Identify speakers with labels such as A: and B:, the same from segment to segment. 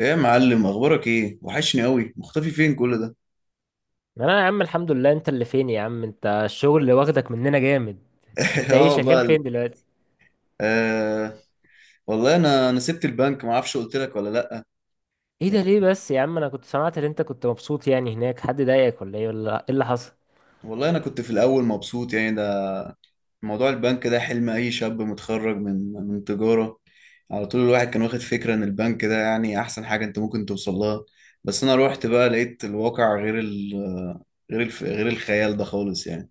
A: ايه يا معلم، اخبارك ايه؟ وحشني قوي، مختفي فين كل ده؟
B: انا يا عم الحمد لله، انت اللي فين يا عم؟ انت الشغل اللي واخدك مننا جامد. انت ايه
A: اه
B: شغال
A: بقى
B: فين
A: ال-
B: دلوقتي؟
A: آه، والله انا سبت البنك، ما اعرفش قلت لك ولا لا.
B: ايه
A: يعني
B: ده ليه بس يا عم؟ انا كنت سمعت ان انت كنت مبسوط يعني هناك، حد ضايقك ولا ايه ولا ايه اللي حصل؟
A: والله انا كنت في الاول مبسوط، يعني ده موضوع البنك ده حلم اي شاب متخرج من تجارة. على طول الواحد كان واخد فكرة ان البنك ده يعني احسن حاجة انت ممكن توصل لها. بس انا روحت بقى لقيت الواقع غير ال غير الف غير الخيال ده خالص يعني.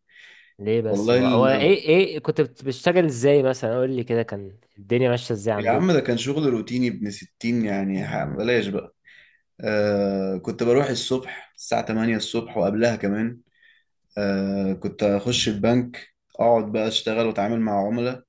B: ليه بس
A: والله
B: هو
A: ال...
B: ايه كنت بتشتغل ازاي؟ مثلا قول لي كده، كان الدنيا ماشيه ازاي
A: يا عم
B: عندكم؟
A: ده كان شغل روتيني ابن ستين يعني، بلاش بقى. آه، كنت بروح الصبح الساعة 8 الصبح وقبلها كمان. آه كنت أخش البنك، أقعد بقى أشتغل وأتعامل مع عملاء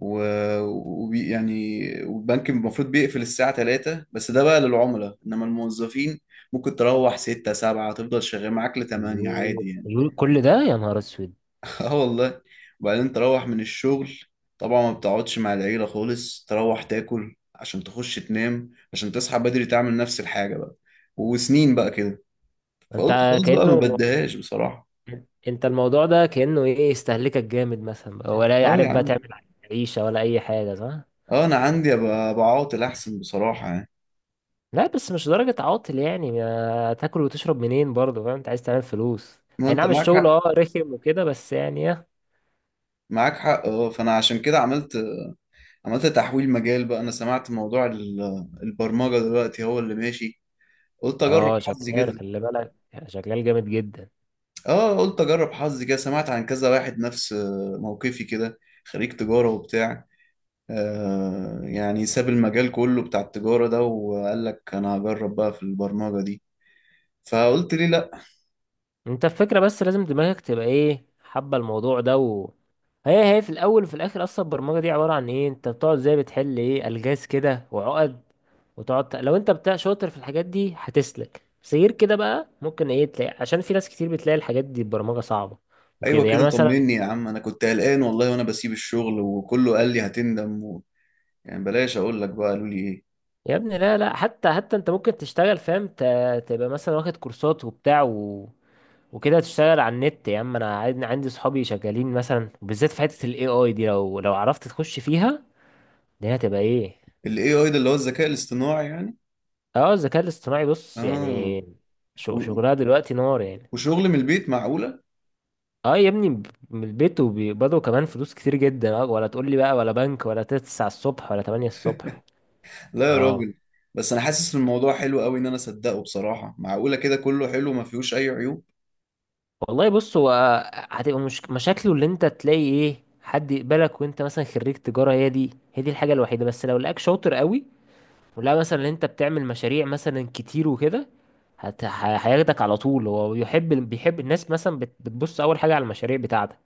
A: و... يعني. والبنك المفروض بيقفل الساعة 3، بس ده بقى للعملاء، إنما الموظفين ممكن تروح 6 7، تفضل شغال معاك ل 8
B: الله
A: عادي يعني.
B: الله، كل ده يا نهار اسود.
A: اه والله. وبعدين تروح من الشغل، طبعا ما بتقعدش مع العيلة خالص، تروح تاكل عشان تخش تنام عشان تصحى بدري تعمل نفس الحاجة بقى، وسنين بقى كده. فقلت
B: انت
A: خلاص بقى ما
B: كأنه
A: بديهاش بصراحة.
B: انت الموضوع ده كأنه ايه استهلكك جامد مثلا، ولا
A: اه يا
B: عارف بقى
A: عم.
B: تعمل عيشة ولا اي حاجة، صح؟
A: اه انا عندي ابقى بعاطل احسن بصراحة يعني.
B: لا بس مش درجة عاطل، يعني ما تاكل وتشرب منين برضه؟ فاهم انت عايز تعمل فلوس.
A: ما
B: اي
A: انت
B: نعم
A: معاك
B: الشغل
A: حق.
B: اه رخم وكده، بس يعني اه.
A: معاك حق اه. فانا عشان كده عملت تحويل مجال بقى. انا سمعت موضوع البرمجة دلوقتي هو اللي ماشي، قلت اجرب
B: آه،
A: حظي
B: شغال
A: كده.
B: خلي بالك يعني شغال جامد جدا.
A: اه قلت اجرب حظي كده، سمعت عن كذا واحد نفس آه، موقفي كده، خريج تجارة وبتاع. آه يعني ساب المجال كله بتاع التجارة ده وقال لك انا هجرب بقى في البرمجة دي. فقلت ليه لا.
B: انت الفكرة بس لازم دماغك تبقى ايه، حابة الموضوع ده و... هي في الاول وفي الاخر اصلا البرمجة دي عبارة عن ايه، انت بتقعد زي بتحل ايه الغاز كده وعقد. وتقعد لو انت بتاع شاطر في الحاجات دي هتسلك، بس غير كده بقى ممكن ايه تلاقي، عشان في ناس كتير بتلاقي الحاجات دي البرمجة صعبة
A: ايوه
B: وكده
A: كده
B: يعني مثلا.
A: طمني يا عم، انا كنت قلقان والله وانا بسيب الشغل وكله قال لي هتندم يعني بلاش اقول لك بقى قالوا لي ايه.
B: يا ابني لا لا، حتى انت ممكن تشتغل، فاهم؟ تبقى مثلا واخد كورسات وبتاع و... وكده تشتغل على النت. يا عم انا عندي صحابي شغالين مثلا، بالذات في حته الاي اي دي. لو عرفت تخش فيها، دي هتبقى ايه.
A: الاي اي ده اللي هو الذكاء الاصطناعي يعني.
B: اه الذكاء الاصطناعي، بص
A: اه
B: يعني
A: و...
B: شغلها دلوقتي نار يعني.
A: وشغل من البيت؟ معقوله!
B: اه يا ابني، من البيت وبيقبضوا كمان فلوس كتير جدا. اه ولا تقول لي بقى ولا بنك ولا 9 الصبح ولا 8 الصبح.
A: لا يا
B: اه
A: راجل. بس انا حاسس ان الموضوع حلو قوي، ان انا اصدقه بصراحه. معقوله كده كله حلو ما فيهوش اي عيوب؟
B: والله بص هو، هتبقى مش... مشاكله اللي انت تلاقي ايه حد يقبلك وانت مثلا خريج تجارة. هي دي الحاجة الوحيدة، بس لو لقاك شاطر قوي، ولا مثلا اللي انت بتعمل مشاريع مثلا كتير وكده، هياخدك على طول. هو بيحب، بيحب الناس مثلا بتبص اول حاجة على المشاريع بتاعتك.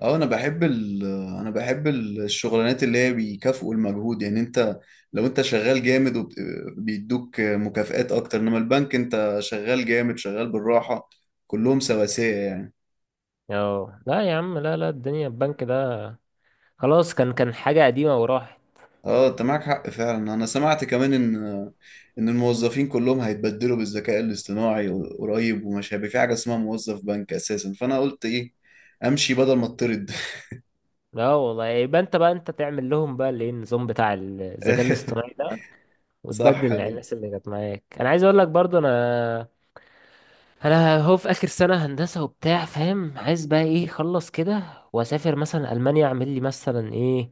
A: اه انا بحب انا بحب الشغلانات اللي هي بيكافئوا المجهود يعني. انت لو انت شغال جامد وبيدوك مكافآت اكتر، انما البنك انت شغال جامد شغال بالراحة، كلهم سواسية يعني.
B: اه لا يا عم، لا لا الدنيا البنك ده خلاص، كان حاجة قديمة وراحت.
A: اه انت معاك حق فعلا. انا سمعت كمان ان ان الموظفين كلهم هيتبدلوا بالذكاء الاصطناعي قريب، وما شابه في حاجة اسمها موظف بنك اساسا. فانا قلت ايه، امشي بدل ما اطرد.
B: لا والله يبقى انت بقى انت تعمل لهم بقى الايه، النظام بتاع الذكاء الاصطناعي ده،
A: صح.
B: وتبدل الناس اللي كانت معاك. انا عايز اقول لك برضو انا، انا هو في اخر سنه هندسه وبتاع، فاهم؟ عايز بقى ايه اخلص كده، واسافر مثلا المانيا، اعمل لي مثلا ايه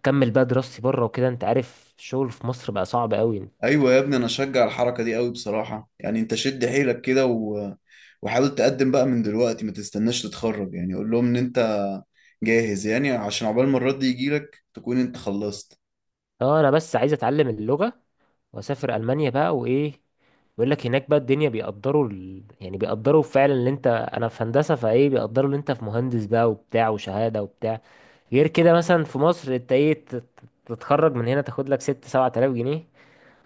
B: اكمل بقى دراستي بره وكده. انت عارف الشغل في مصر بقى صعب قوي.
A: ايوه يا ابني، انا اشجع الحركة دي قوي بصراحة. يعني انت شد حيلك كده وحاول تقدم بقى من دلوقتي، ما تستناش تتخرج. يعني قول لهم ان انت جاهز، يعني عشان عقبال ما الرد يجيلك تكون انت خلصت.
B: اه انا بس عايز اتعلم اللغه واسافر المانيا بقى وايه. بيقول لك هناك بقى الدنيا بيقدروا يعني بيقدروا فعلا اللي انت، انا في هندسه، فايه بيقدروا اللي انت في مهندس بقى وبتاع وشهاده وبتاع. غير كده مثلا في مصر انت ايه تتخرج من هنا تاخد لك 6 7000 جنيه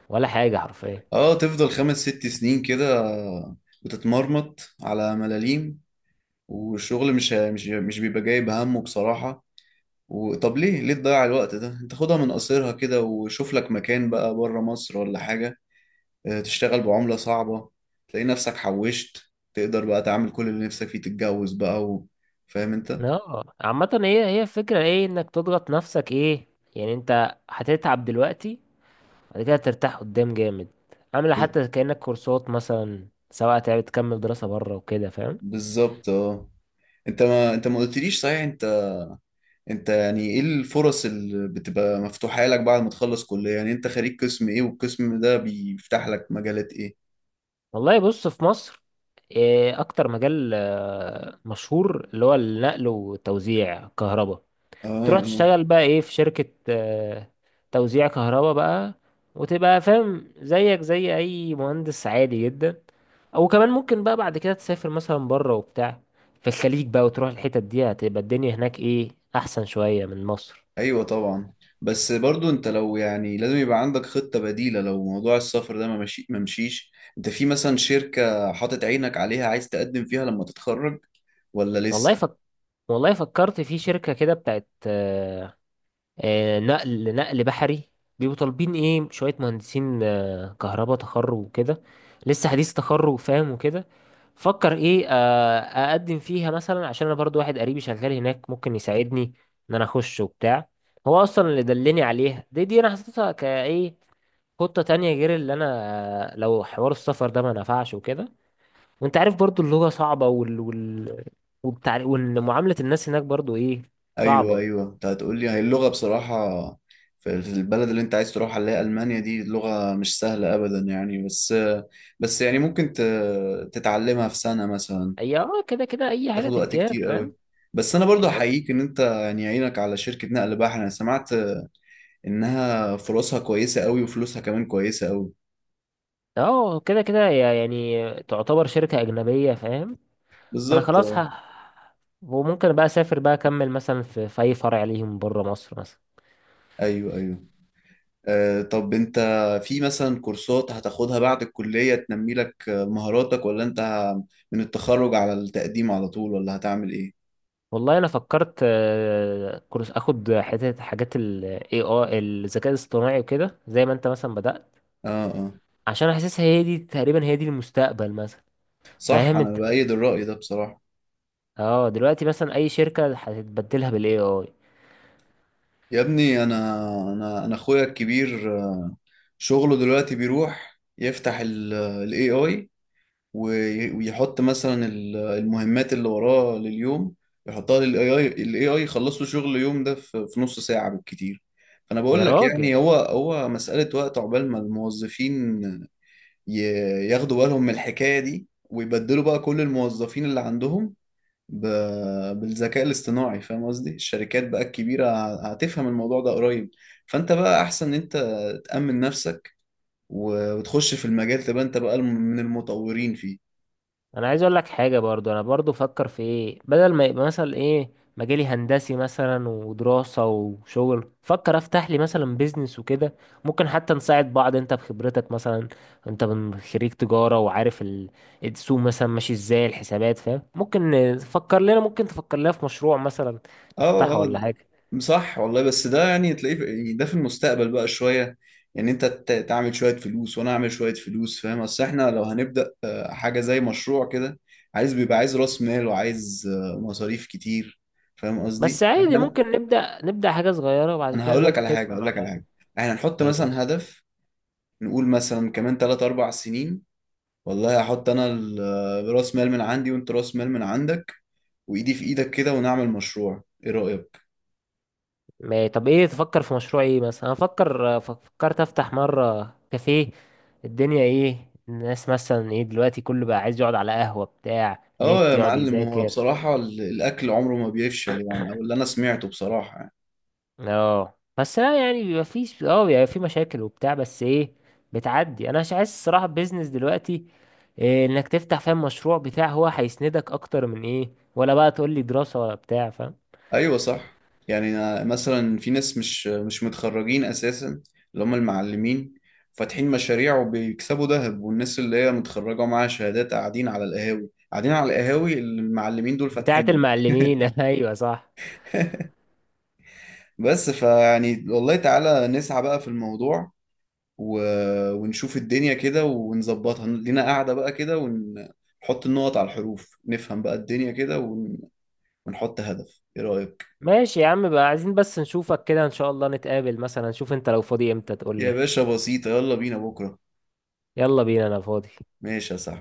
B: ولا حاجه حرفيا.
A: اه تفضل 5 6 سنين كده بتتمرمط على ملاليم، والشغل مش بيبقى جايب همه بصراحة. وطب ليه ليه تضيع الوقت ده؟ انت خدها من قصيرها كده وشوف لك مكان بقى بره مصر ولا حاجة. اه، تشتغل بعملة صعبة، تلاقي نفسك حوشت، تقدر بقى تعمل كل اللي نفسك فيه، تتجوز بقى فاهم انت.
B: اه عامة هي هي الفكرة ايه انك تضغط نفسك ايه، يعني انت هتتعب دلوقتي، بعد كده ترتاح قدام جامد. عاملة
A: ب-
B: حتى كأنك كورسات مثلا، سواء تعب تكمل دراسة بره وكده، فاهم؟
A: بالظبط اه. انت ما انت ما قلتليش صحيح، انت انت يعني ايه الفرص اللي بتبقى مفتوحة لك بعد ما تخلص كلية؟ يعني انت خريج قسم ايه، والقسم ده بيفتح لك مجالات ايه؟
B: والله بص في مصر، إيه اكتر مجال مشهور اللي هو النقل وتوزيع كهرباء.
A: اه.
B: تروح
A: آه.
B: تشتغل بقى ايه في شركة توزيع كهرباء بقى، وتبقى فاهم زيك زي اي مهندس عادي جدا. وكمان ممكن بقى بعد كده تسافر مثلا بره وبتاع، في الخليج بقى، وتروح الحتت دي هتبقى الدنيا هناك ايه احسن شوية من مصر.
A: ايوه طبعا. بس برضو انت لو يعني لازم يبقى عندك خطة بديلة لو موضوع السفر ده ما مشي ما مشيش انت في مثلا شركة حاطط عينك عليها عايز تقدم فيها لما تتخرج، ولا
B: والله
A: لسه؟
B: فك... والله فكرت في شركة كده بتاعت نقل بحري. بيبقوا طالبين ايه شوية مهندسين كهرباء، تخرج وكده لسه حديث تخرج فاهم وكده. فكر ايه اقدم فيها مثلا، عشان انا برضو واحد قريبي شغال هناك ممكن يساعدني ان انا اخش وبتاع. هو اصلا اللي دلني عليها دي انا حطيتها كايه خطة تانية غير اللي انا لو حوار السفر ده ما نفعش وكده. وانت عارف برضو اللغة صعبة وال وبتاع، ومعاملة الناس هناك برضو ايه
A: ايوه
B: صعبة.
A: ايوه. انت هتقول لي هي اللغه بصراحه، في في البلد اللي انت عايز تروحها اللي هي المانيا دي، لغه مش سهله ابدا يعني، بس بس يعني ممكن تتعلمها في سنه مثلا.
B: هي اه كده كده
A: مش
B: اي حاجة
A: تاخد وقت
B: تتجاب
A: كتير قوي.
B: فاهم
A: بس انا
B: يعني
A: برضو
B: كل.
A: احييك ان انت يعني عينك على شركه نقل بحر. انا سمعت انها فرصها كويسه قوي وفلوسها كمان كويسه قوي.
B: اه كده كده هي يعني تعتبر شركة أجنبية، فاهم؟ انا
A: بالظبط
B: خلاص
A: اه.
B: ه... وممكن بقى اسافر بقى اكمل مثلا في اي فرع ليهم بره مصر مثلا.
A: ايوه ايوه آه، طب انت في مثلا كورسات هتاخدها بعد الكلية تنمي لك آه، مهاراتك، ولا انت من التخرج على التقديم على طول، ولا هتعمل ايه؟
B: والله انا فكرت كورس اخد حتة حاجات الاي اي الذكاء الاصطناعي وكده زي ما انت مثلا بدأت،
A: اه اه.
B: عشان حاسسها هي دي تقريبا هي دي المستقبل مثلا،
A: صح،
B: فاهم
A: انا
B: انت؟
A: بأيد الرأي ده بصراحة.
B: اه دلوقتي مثلا اي شركة هتتبدلها بالاي اي.
A: يا ابني انا انا اخويا الكبير آه، شغله دلوقتي بيروح يفتح الاي اي ويحط مثلا المهمات اللي وراه لليوم، يحطها للاي اي، الاي اي يخلصوا شغل اليوم ده في في نص ساعة بالكتير. فانا بقول
B: يا
A: لك يعني
B: راجل
A: هو هو مسألة وقت عقبال ما الموظفين ي- ياخدوا بالهم من الحكاية دي، ويبدلوا بقى كل الموظفين اللي عندهم ب... بالذكاء الاصطناعي. فاهم قصدي الشركات بقى الكبيرة هتفهم الموضوع ده قريب. فانت بقى احسن ان انت تأمن نفسك، وتخش في المجال، تبقى انت بقى من المطورين فيه.
B: انا عايز اقول لك حاجة برضو، انا برضو فكر في ايه، بدل ما يبقى مثلا ايه مجالي هندسي مثلا ودراسة وشغل، فكر افتح لي مثلا بيزنس وكده. ممكن حتى نساعد بعض، انت بخبرتك مثلا، انت من خريج تجارة وعارف السوق مثلا ماشي ازاي الحسابات، فاهم؟ ممكن نفكر لنا، ممكن تفكر لنا في مشروع مثلا
A: اه
B: نفتحه
A: اه.
B: ولا حاجة.
A: صح والله، بس ده يعني تلاقيه يعني ده في المستقبل بقى شوية. يعني انت تعمل شوية فلوس وانا اعمل شوية فلوس، فاهم، اصل احنا لو هنبدأ آه، حاجة زي مشروع كده، عايز بيبقى عايز راس مال وعايز آه، مصاريف كتير. فاهم
B: بس
A: قصدي
B: عادي ممكن نبدأ حاجة صغيرة وبعد
A: انا
B: كده
A: هقول لك على حاجة،
B: تكبر
A: هقول لك على
B: على
A: حاجة. احنا نحط
B: إيه.
A: مثلا هدف، نقول مثلا كمان 3 4 سنين، والله هحط انا آه، راس مال من عندي وانت راس مال من عندك، وايدي في ايدك كده ونعمل مشروع، ايه رأيك؟
B: طب ايه تفكر في مشروع ايه مثلا؟ انا فكر فكرت افتح مرة كافيه، الدنيا ايه الناس مثلا ايه دلوقتي، كله بقى عايز يقعد على قهوة بتاع
A: اه
B: نت
A: يا
B: يقعد
A: معلم، هو
B: يذاكر.
A: بصراحة الأكل عمره ما بيفشل يعني، أو اللي أنا سمعته بصراحة يعني.
B: اه بس لا يعني بيبقى فيش، اه بيبقى في مشاكل وبتاع بس ايه بتعدي. انا مش عايز الصراحة بيزنس دلوقتي، إيه انك تفتح، فاهم، مشروع بتاع هو هيسندك اكتر من ايه، ولا بقى تقول لي دراسة ولا بتاع، فاهم؟
A: أيوة صح. يعني أنا مثلا في ناس مش متخرجين أساسا، اللي هم المعلمين، فاتحين مشاريع وبيكسبوا ذهب، والناس اللي هي متخرجة معاها شهادات قاعدين على القهاوي، قاعدين على القهاوي اللي المعلمين دول
B: بتاعت
A: فاتحين.
B: المعلمين ايوه صح.
A: بس فيعني والله تعالى نسعى بقى في الموضوع و... ونشوف الدنيا كده ونظبطها لينا، قاعدة بقى كده، ونحط النقط على الحروف، نفهم بقى الدنيا كده ونحط هدف، ايه رأيك؟
B: ماشي يا عم بقى، عايزين بس نشوفك كده ان شاء الله، نتقابل مثلا. شوف انت لو فاضي امتى تقول
A: يا
B: لي.
A: باشا بسيطة، يلا بينا بكرة.
B: يلا بينا انا فاضي.
A: ماشي يا صاحبي.